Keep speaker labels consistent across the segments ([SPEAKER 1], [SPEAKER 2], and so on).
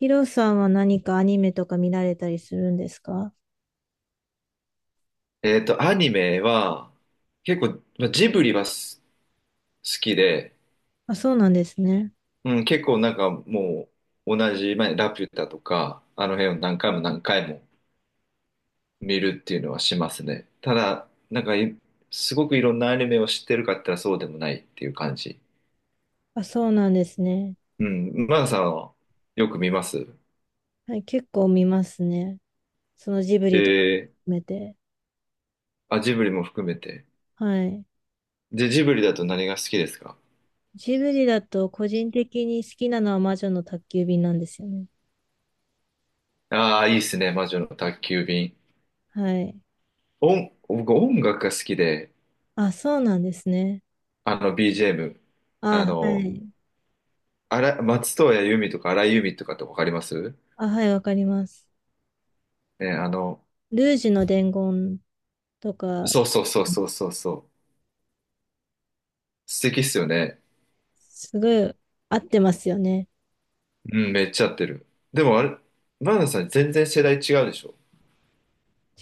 [SPEAKER 1] ヒロさんは何かアニメとか見られたりするんですか？
[SPEAKER 2] アニメは、結構、まあジブリは好きで、
[SPEAKER 1] あ、そうなんですね。
[SPEAKER 2] うん、結構なんかもう、同じ、まあ、ラピュタとか、あの辺を何回も何回も見るっていうのはしますね。ただ、なんかい、すごくいろんなアニメを知ってるかって言ったらそうでもないっていう感じ。
[SPEAKER 1] あ、そうなんですね。
[SPEAKER 2] うん、マナさんはよく見ます？
[SPEAKER 1] はい、結構見ますね。そのジブリとか
[SPEAKER 2] ええ。
[SPEAKER 1] 含めて。
[SPEAKER 2] あ、ジブリも含めて。
[SPEAKER 1] はい。
[SPEAKER 2] で、ジブリだと何が好きですか？
[SPEAKER 1] ジブリだと個人的に好きなのは魔女の宅急便なんですよね。
[SPEAKER 2] ああー、いいっすね、魔女の宅急便。
[SPEAKER 1] はい。
[SPEAKER 2] 僕音楽が好きで、
[SPEAKER 1] あ、そうなんですね。
[SPEAKER 2] あの BGM。あ
[SPEAKER 1] あ、は
[SPEAKER 2] の、
[SPEAKER 1] い。
[SPEAKER 2] あら、松任谷由実とか荒井由実とかってわかります？
[SPEAKER 1] あ、はい、わかります。
[SPEAKER 2] ね、
[SPEAKER 1] ルージュの伝言とか、
[SPEAKER 2] そうそうそうそうそうそう。素敵っすよね。
[SPEAKER 1] すごい合ってますよね。
[SPEAKER 2] うん、めっちゃ合ってる。でもあれ、マナさん全然世代違うでしょ？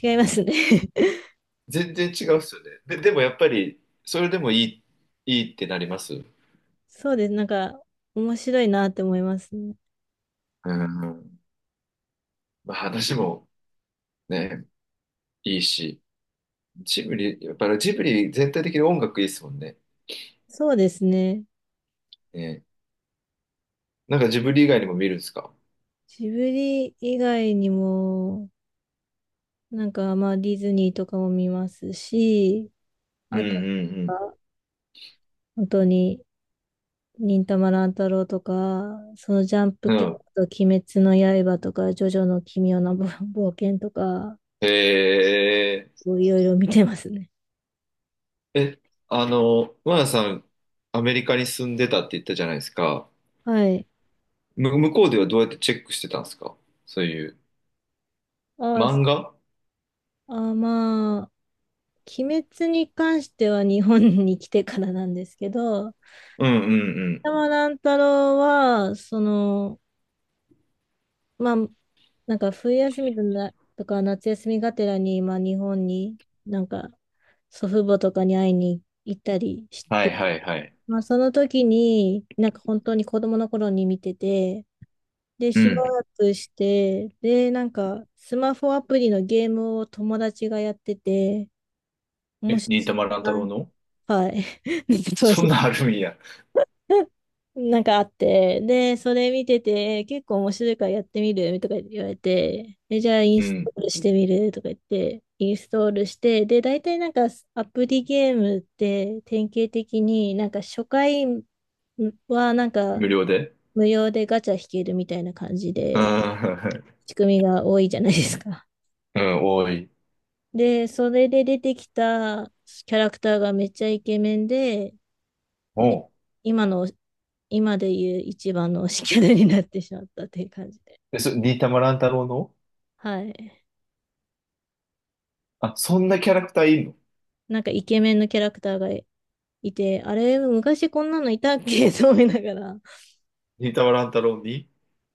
[SPEAKER 1] 違いますね。
[SPEAKER 2] 全然違うっすよね。で、でもやっぱり、それでもいい、いいってなります。う
[SPEAKER 1] そうです。面白いなって思いますね。
[SPEAKER 2] ん。まあ話もね、いいし。ジブリ、やっぱりジブリ全体的に音楽いいっすもんね。
[SPEAKER 1] そうですね。
[SPEAKER 2] ね。なんかジブリ以外にも見るんですか？
[SPEAKER 1] ジブリ以外にも、まあディズニーとかも見ますし、
[SPEAKER 2] うん
[SPEAKER 1] あ
[SPEAKER 2] う
[SPEAKER 1] と
[SPEAKER 2] ん
[SPEAKER 1] は本当に忍たま乱太郎とか、そのジャンプ
[SPEAKER 2] うん。
[SPEAKER 1] 系
[SPEAKER 2] うん。
[SPEAKER 1] だと鬼滅の刃とか、ジョジョの奇妙な冒険とか、
[SPEAKER 2] へえ。
[SPEAKER 1] こういろいろ見てますね。
[SPEAKER 2] え、マナさん、アメリカに住んでたって言ったじゃないですか。
[SPEAKER 1] はい。
[SPEAKER 2] 向こうではどうやってチェックしてたんですか？そういう。
[SPEAKER 1] あ、そ
[SPEAKER 2] 漫画。
[SPEAKER 1] あ、まあ、鬼滅に関しては日本に来てからなんですけど、
[SPEAKER 2] うんうんうんう
[SPEAKER 1] 山
[SPEAKER 2] ん。
[SPEAKER 1] 乱太郎は、その、まあ、なんか冬休みとな、とか夏休みがてらに今日本になんか祖父母とかに会いに行ったりし
[SPEAKER 2] はい
[SPEAKER 1] て、
[SPEAKER 2] はいはい。
[SPEAKER 1] まあその時になんか本当に子供の頃に見てて、で
[SPEAKER 2] う
[SPEAKER 1] しば
[SPEAKER 2] ん。
[SPEAKER 1] らくして、でなんかスマホアプリのゲームを友達がやってて、面
[SPEAKER 2] え、
[SPEAKER 1] 白
[SPEAKER 2] 忍
[SPEAKER 1] そ
[SPEAKER 2] たま
[SPEAKER 1] う
[SPEAKER 2] 乱
[SPEAKER 1] だ
[SPEAKER 2] 太郎
[SPEAKER 1] な。
[SPEAKER 2] の？
[SPEAKER 1] はい。 当
[SPEAKER 2] そん
[SPEAKER 1] 時
[SPEAKER 2] なあるんや。
[SPEAKER 1] なんかあって、で、それ見てて、結構面白いからやってみるとか言われて、え、じゃあイン
[SPEAKER 2] う
[SPEAKER 1] ス
[SPEAKER 2] ん。
[SPEAKER 1] トールしてみるとか言って、インストールして、で、大体なんかアプリゲームって典型的になんか初回はなんか
[SPEAKER 2] 無料で。
[SPEAKER 1] 無料でガチャ引けるみたいな感じ
[SPEAKER 2] う
[SPEAKER 1] で
[SPEAKER 2] ん。
[SPEAKER 1] 仕組みが多いじゃないですか。
[SPEAKER 2] うん、多い。
[SPEAKER 1] で、それで出てきたキャラクターがめっちゃイケメンで、で、
[SPEAKER 2] おう。
[SPEAKER 1] 今の、今でいう一番の推しキャラになってしまったっていう感じで。
[SPEAKER 2] え、忍たま乱太郎の？
[SPEAKER 1] はい。
[SPEAKER 2] あ、そんなキャラクターいんの？
[SPEAKER 1] なんかイケメンのキャラクターがいて、あれ、昔こんなのいたっけと思いながら。
[SPEAKER 2] 忍たま乱太郎に？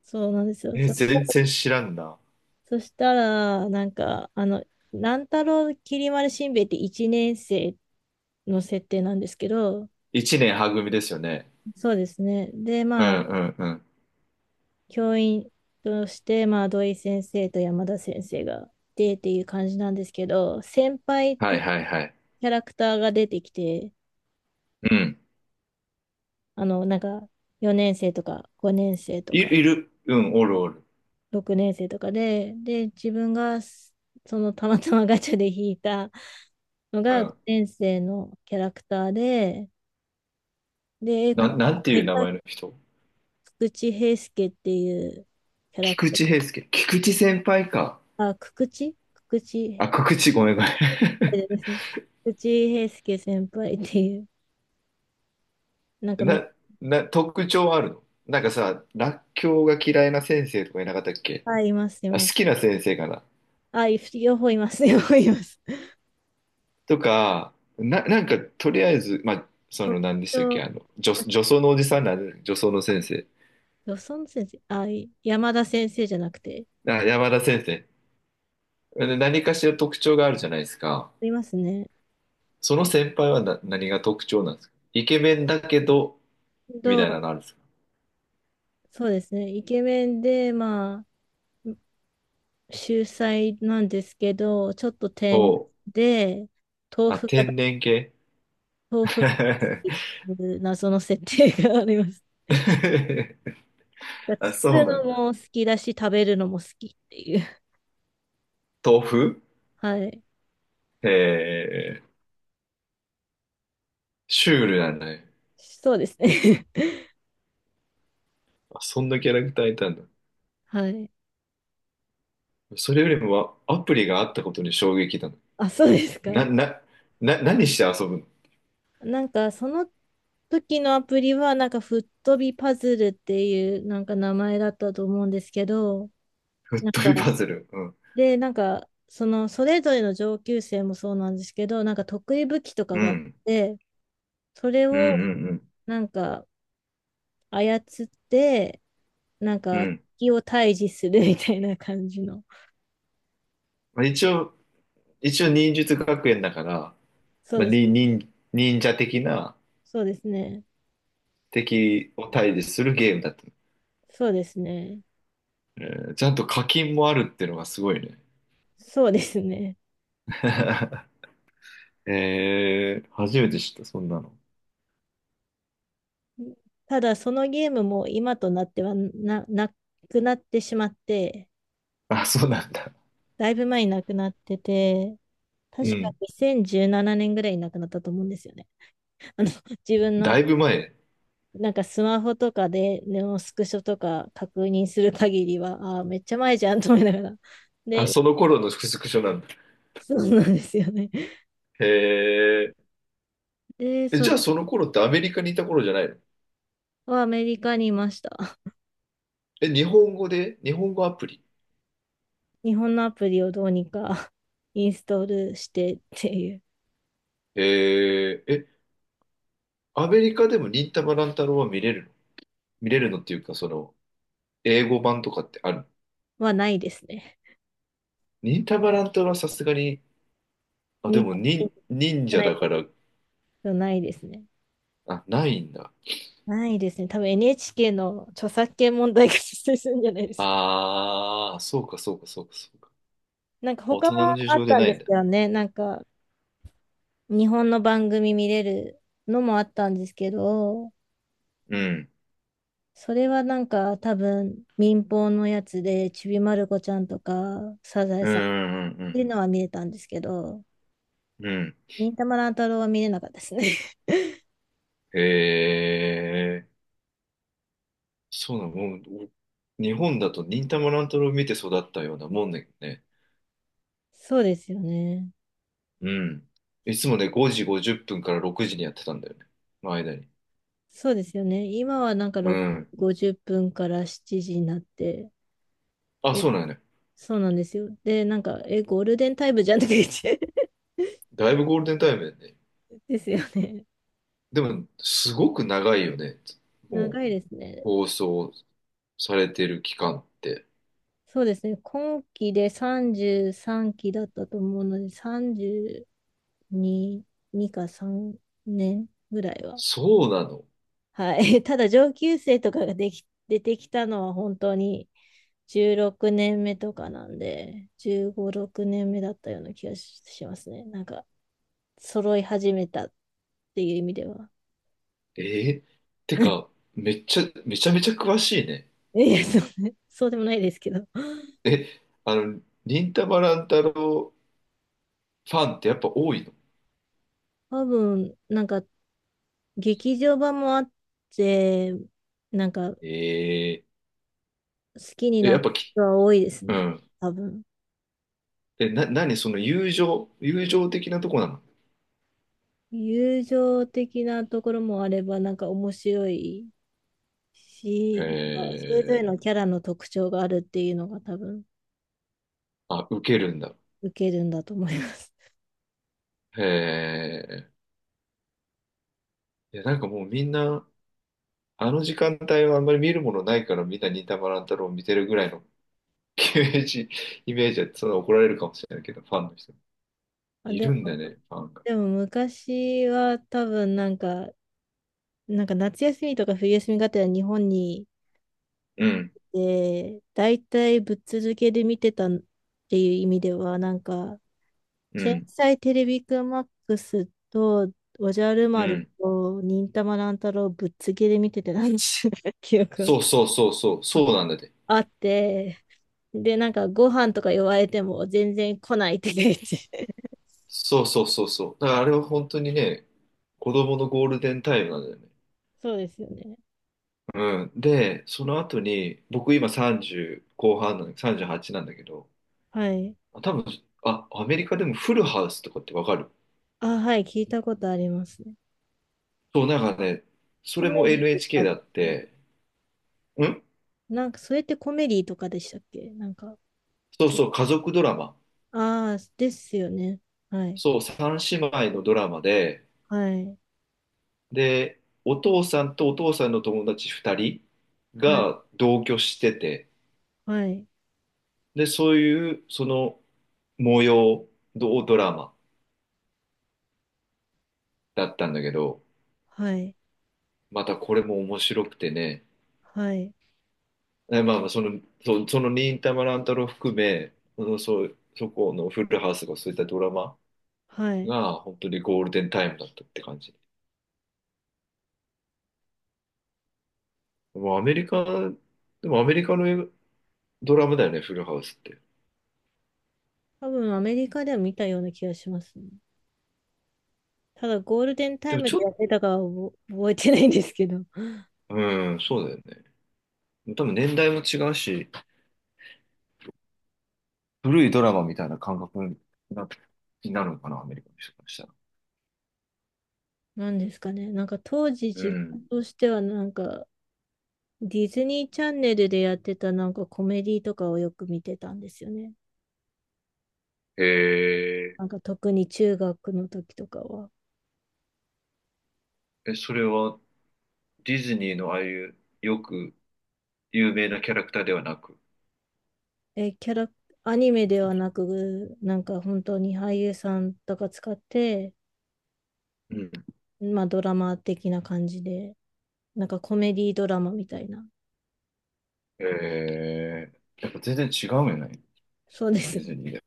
[SPEAKER 1] そうなんですよ。
[SPEAKER 2] え、全然知らんな。
[SPEAKER 1] そしたら、なんか、あの、乱太郎きり丸しんべヱって1年生の設定なんですけど、
[SPEAKER 2] 一年は組ですよね。
[SPEAKER 1] そうですね。で、
[SPEAKER 2] う
[SPEAKER 1] まあ、
[SPEAKER 2] んうん。
[SPEAKER 1] 教員として、まあ、土井先生と山田先生が出てっていう感じなんですけど、先輩っ
[SPEAKER 2] はい
[SPEAKER 1] て
[SPEAKER 2] はいはい。
[SPEAKER 1] キャラクターが出てきて、
[SPEAKER 2] うん。
[SPEAKER 1] あの、なんか、4年生とか5年生と
[SPEAKER 2] い、い
[SPEAKER 1] か
[SPEAKER 2] る。うん、おるおる。
[SPEAKER 1] 6年生とかで、で、自分がそのたまたまガチャで引いたの
[SPEAKER 2] う
[SPEAKER 1] が
[SPEAKER 2] ん。
[SPEAKER 1] 5年生のキャラクターで、で、こ
[SPEAKER 2] な、なんてい
[SPEAKER 1] の
[SPEAKER 2] う名
[SPEAKER 1] 間、
[SPEAKER 2] 前の人？
[SPEAKER 1] 菊池平介っていうキャラク
[SPEAKER 2] 菊
[SPEAKER 1] ター、
[SPEAKER 2] 池平介。菊池先輩か。
[SPEAKER 1] あ、久々知池菊池
[SPEAKER 2] あ、菊池、ごめんごめ
[SPEAKER 1] 輩ですね。内井平介先輩っていう、なんか
[SPEAKER 2] ん。
[SPEAKER 1] めっち
[SPEAKER 2] 特徴あるの？なんかさ、らっきょうが嫌いな先生とかいなかったっけ？
[SPEAKER 1] ゃ、あいます、い
[SPEAKER 2] あ、
[SPEAKER 1] ます。
[SPEAKER 2] 好きな先生かな？
[SPEAKER 1] あ、い、両方います、両方います。
[SPEAKER 2] とか、とりあえず、まあ、
[SPEAKER 1] 特
[SPEAKER 2] 何でしたっけ？
[SPEAKER 1] 徴、
[SPEAKER 2] 女装のおじさんなんで、女装の先生。
[SPEAKER 1] ドソン先生、山田先生じゃなくて、
[SPEAKER 2] あ、山田先生。で何かしら特徴があるじゃないですか。
[SPEAKER 1] いますね。
[SPEAKER 2] その先輩は何が特徴なんですか？イケメンだけど、み
[SPEAKER 1] ど
[SPEAKER 2] たいな
[SPEAKER 1] う、
[SPEAKER 2] のあるんですか？
[SPEAKER 1] そうですね。イケメンで、まあ、秀才なんですけど、ちょっと天
[SPEAKER 2] お
[SPEAKER 1] 然
[SPEAKER 2] う。
[SPEAKER 1] で、豆
[SPEAKER 2] あ、
[SPEAKER 1] 腐が、
[SPEAKER 2] 天然系。
[SPEAKER 1] 豆腐 が好きっていう謎の設定があります。だから
[SPEAKER 2] あ、
[SPEAKER 1] 作
[SPEAKER 2] そう
[SPEAKER 1] る
[SPEAKER 2] な
[SPEAKER 1] の
[SPEAKER 2] ん
[SPEAKER 1] も
[SPEAKER 2] だ。
[SPEAKER 1] 好きだし、食べるのも好きっていう。
[SPEAKER 2] 豆腐。
[SPEAKER 1] はい。
[SPEAKER 2] へえ、シュールなんだね。
[SPEAKER 1] そうですね。
[SPEAKER 2] あ、そんなキャラクターいたんだ。
[SPEAKER 1] はい。
[SPEAKER 2] それよりもアプリがあったことに衝撃だ
[SPEAKER 1] あ、そうですか。
[SPEAKER 2] な。な、な、何して遊ぶの？
[SPEAKER 1] なんか、その時のアプリは、なんか、吹っ飛びパズルっていう、なんか名前だったと思うんですけど、
[SPEAKER 2] 吹っ
[SPEAKER 1] なん
[SPEAKER 2] 飛び
[SPEAKER 1] か、
[SPEAKER 2] パズル。うん。
[SPEAKER 1] で、なんか、その、それぞれの上級生もそうなんですけど、なんか、得意武器とか
[SPEAKER 2] う
[SPEAKER 1] があっ
[SPEAKER 2] ん。
[SPEAKER 1] て、それ
[SPEAKER 2] うん
[SPEAKER 1] を、
[SPEAKER 2] うん
[SPEAKER 1] なんか、操って、なん
[SPEAKER 2] う
[SPEAKER 1] か、
[SPEAKER 2] ん。うん。
[SPEAKER 1] 敵を退治する みたいな感じの。
[SPEAKER 2] まあ、一応忍術学園だから、
[SPEAKER 1] そう
[SPEAKER 2] まあ、
[SPEAKER 1] で
[SPEAKER 2] に、
[SPEAKER 1] す。
[SPEAKER 2] 忍、忍者的な、
[SPEAKER 1] そうですね。
[SPEAKER 2] 敵を退治するゲームだった？
[SPEAKER 1] そうですね。
[SPEAKER 2] えちゃんと課金もあるっていうのがすごいね。
[SPEAKER 1] そうですね。
[SPEAKER 2] 初めて知った、そんなの。
[SPEAKER 1] ただそのゲームも今となってはなくなってしまって、
[SPEAKER 2] あ、そうなんだ。
[SPEAKER 1] だいぶ前になくなってて、確
[SPEAKER 2] う
[SPEAKER 1] か
[SPEAKER 2] ん。
[SPEAKER 1] 2017年ぐらいになくなったと思うんですよね。あの、自分
[SPEAKER 2] だ
[SPEAKER 1] の
[SPEAKER 2] いぶ前。
[SPEAKER 1] なんかスマホとかでネオスクショとか確認する限りは、ああめっちゃ前じゃんと思いながら。
[SPEAKER 2] あ、
[SPEAKER 1] で、
[SPEAKER 2] その頃のスクショなんだ。
[SPEAKER 1] そうなんですよね。
[SPEAKER 2] へ
[SPEAKER 1] で、
[SPEAKER 2] え。
[SPEAKER 1] そ
[SPEAKER 2] じゃ
[SPEAKER 1] れ
[SPEAKER 2] あその頃ってアメリカにいた頃じゃないの？
[SPEAKER 1] はアメリカにいました。
[SPEAKER 2] え、日本語で日本語アプリ？
[SPEAKER 1] 日本のアプリをどうにか インストールしてっていう
[SPEAKER 2] ええ。え、アメリカでも忍たま乱太郎は見れるの？見れるのっていうか、英語版とかってある？
[SPEAKER 1] はないですね。
[SPEAKER 2] 忍たま乱太郎はさすがに、
[SPEAKER 1] 日
[SPEAKER 2] あ、でも
[SPEAKER 1] 本に行
[SPEAKER 2] 忍、忍
[SPEAKER 1] か
[SPEAKER 2] 者
[SPEAKER 1] ない
[SPEAKER 2] だか
[SPEAKER 1] と
[SPEAKER 2] ら、
[SPEAKER 1] ないですね。
[SPEAKER 2] あ、ないんだ。
[SPEAKER 1] ないですね。多分 NHK の著作権問題が発生するんじゃないですか。
[SPEAKER 2] ああ、そうか、そうか、そうか、そうか。
[SPEAKER 1] なんか
[SPEAKER 2] 大
[SPEAKER 1] 他も
[SPEAKER 2] 人の事
[SPEAKER 1] あっ
[SPEAKER 2] 情で
[SPEAKER 1] たん
[SPEAKER 2] な
[SPEAKER 1] で
[SPEAKER 2] いん
[SPEAKER 1] す
[SPEAKER 2] だ。
[SPEAKER 1] けどね。なんか日本の番組見れるのもあったんですけど、
[SPEAKER 2] うん。
[SPEAKER 1] それはなんか多分民放のやつでちびまる子ちゃんとかサザエ
[SPEAKER 2] うん、
[SPEAKER 1] さんっ
[SPEAKER 2] う
[SPEAKER 1] ていう
[SPEAKER 2] ん、
[SPEAKER 1] のは見れたんですけど、
[SPEAKER 2] うん。うん。
[SPEAKER 1] 忍たま乱太郎は見れなかったですね。
[SPEAKER 2] へえ。そうなの、もう、日本だと忍たま乱太郎を見て育ったようなもんだけどね。
[SPEAKER 1] そうですよね。
[SPEAKER 2] うん。いつもね、5時50分から6時にやってたんだよね。の間に。
[SPEAKER 1] そうですよね。今はなんか
[SPEAKER 2] う
[SPEAKER 1] 6
[SPEAKER 2] ん。
[SPEAKER 1] 50分から7時になって、
[SPEAKER 2] あ、
[SPEAKER 1] え、
[SPEAKER 2] そうなんだね。
[SPEAKER 1] そうなんですよ。で、なんか、え、ゴールデンタイムじゃんく言って。
[SPEAKER 2] だいぶゴールデンタイムだよね。
[SPEAKER 1] ですよね。
[SPEAKER 2] でも、すごく長いよね。もう、
[SPEAKER 1] 長いですね。
[SPEAKER 2] 放送されてる期間って。
[SPEAKER 1] そうですね。今期で33期だったと思うので、32、2か3年ぐらいは。
[SPEAKER 2] そうなの？
[SPEAKER 1] はい。ただ、上級生とかができ、出てきたのは本当に16年目とかなんで、15、6年目だったような気がしますね。なんか、揃い始めたっていう意味では。
[SPEAKER 2] えー、て か、めちゃめちゃ詳しいね。
[SPEAKER 1] いや、そうね、そうでもないですけど。
[SPEAKER 2] え、あの、忍たま乱太郎ファンってやっぱ多いの？
[SPEAKER 1] 多分、なんか、劇場版もあって、なんか、好
[SPEAKER 2] え
[SPEAKER 1] きにな
[SPEAKER 2] や
[SPEAKER 1] っ
[SPEAKER 2] っ
[SPEAKER 1] た
[SPEAKER 2] ぱき、
[SPEAKER 1] 人は多いです
[SPEAKER 2] う
[SPEAKER 1] ね。
[SPEAKER 2] ん。
[SPEAKER 1] 多分。
[SPEAKER 2] 何その友情的なとこなの？
[SPEAKER 1] 友情的なところもあれば、なんか面白い
[SPEAKER 2] え
[SPEAKER 1] し、なんかそれぞれ
[SPEAKER 2] ー、
[SPEAKER 1] のキャラの特徴があるっていうのが多分、
[SPEAKER 2] あ、受けるんだ。
[SPEAKER 1] 受けるんだと思います。
[SPEAKER 2] えいや、なんかもうみんな、あの時間帯はあんまり見るものないからみんな忍たま乱太郎を見てるぐらいの イメージ、イメージは、そんな怒られるかもしれないけど、ファンの人。
[SPEAKER 1] あ、
[SPEAKER 2] い
[SPEAKER 1] でも、
[SPEAKER 2] るんだね、ファンが。
[SPEAKER 1] でも昔は多分なんか、なんか夏休みとか冬休みがてら日本に
[SPEAKER 2] うん、
[SPEAKER 1] で、大体ぶっ続けで見てたっていう意味では、なんか、
[SPEAKER 2] う
[SPEAKER 1] 天
[SPEAKER 2] ん、
[SPEAKER 1] 才テレビくんマックスと、おじゃる
[SPEAKER 2] う
[SPEAKER 1] 丸
[SPEAKER 2] ん。
[SPEAKER 1] と、忍たま乱太郎ぶっ続けで見ててなんちゅう記憶が
[SPEAKER 2] そうそうそうそう、そうなんだって。
[SPEAKER 1] あって、で、なんかご飯とか言われても全然来ないって言って。
[SPEAKER 2] そうそうそうそう。だからあれは本当にね、子供のゴールデンタイムなんだよね。
[SPEAKER 1] そうですよね。
[SPEAKER 2] うん。で、その後に、僕今30後半なんだ、38なんだけど、
[SPEAKER 1] はい。
[SPEAKER 2] 多分、あ、アメリカでもフルハウスとかってわかる？
[SPEAKER 1] あ、はい、聞いたことありますね。
[SPEAKER 2] そう、なんかね、そ
[SPEAKER 1] コ
[SPEAKER 2] れ
[SPEAKER 1] メ
[SPEAKER 2] も
[SPEAKER 1] ディとか
[SPEAKER 2] NHK
[SPEAKER 1] で、
[SPEAKER 2] だって、ん
[SPEAKER 1] なんかそれってコメディとかでしたっけ、なんか、
[SPEAKER 2] そう
[SPEAKER 1] ちょ、
[SPEAKER 2] そう、家族ドラマ。
[SPEAKER 1] ああ、ですよね。はい。
[SPEAKER 2] そう、三姉妹のドラマで、
[SPEAKER 1] はい、
[SPEAKER 2] で、お父さんとお父さんの友達2人
[SPEAKER 1] はい、
[SPEAKER 2] が同居してて、
[SPEAKER 1] はい、
[SPEAKER 2] で、そういうその模様ドラマだったんだけど、
[SPEAKER 1] はい、
[SPEAKER 2] またこれも面白くてね、
[SPEAKER 1] はい、
[SPEAKER 2] まあまあその忍たま乱太郎含め、そこのフルハウスがそういったドラマ
[SPEAKER 1] はい。
[SPEAKER 2] が本当にゴールデンタイムだったって感じ。もうアメリカ、でもアメリカのドラマだよね、フルハウスって。
[SPEAKER 1] 多分アメリカでは見たような気がしますね。ただゴールデンタ
[SPEAKER 2] で
[SPEAKER 1] イ
[SPEAKER 2] も
[SPEAKER 1] ム
[SPEAKER 2] ちょっ
[SPEAKER 1] でや
[SPEAKER 2] と、
[SPEAKER 1] ってたかは覚えてないんですけど。
[SPEAKER 2] うん、そうだよね。多分年代も違うし、古いドラマみたいな感覚にな、になるのかな、アメリカの人からしたら。
[SPEAKER 1] なんですかね。なんか当時
[SPEAKER 2] う
[SPEAKER 1] 自
[SPEAKER 2] ん。
[SPEAKER 1] 分としてはなんかディズニーチャンネルでやってたなんかコメディとかをよく見てたんですよね。
[SPEAKER 2] へえ。
[SPEAKER 1] なんか特に中学の時とかは。
[SPEAKER 2] それはディズニーのああいうよく有名なキャラクターではなく。
[SPEAKER 1] え、キャラ、アニメではなく、なんか本当に俳優さんとか使って、
[SPEAKER 2] うん。
[SPEAKER 1] まあドラマ的な感じで。なんかコメディードラマみたいな。
[SPEAKER 2] えやっぱ全然違うんよね、
[SPEAKER 1] そうで
[SPEAKER 2] デ
[SPEAKER 1] す
[SPEAKER 2] ィ
[SPEAKER 1] ね
[SPEAKER 2] ズニーで。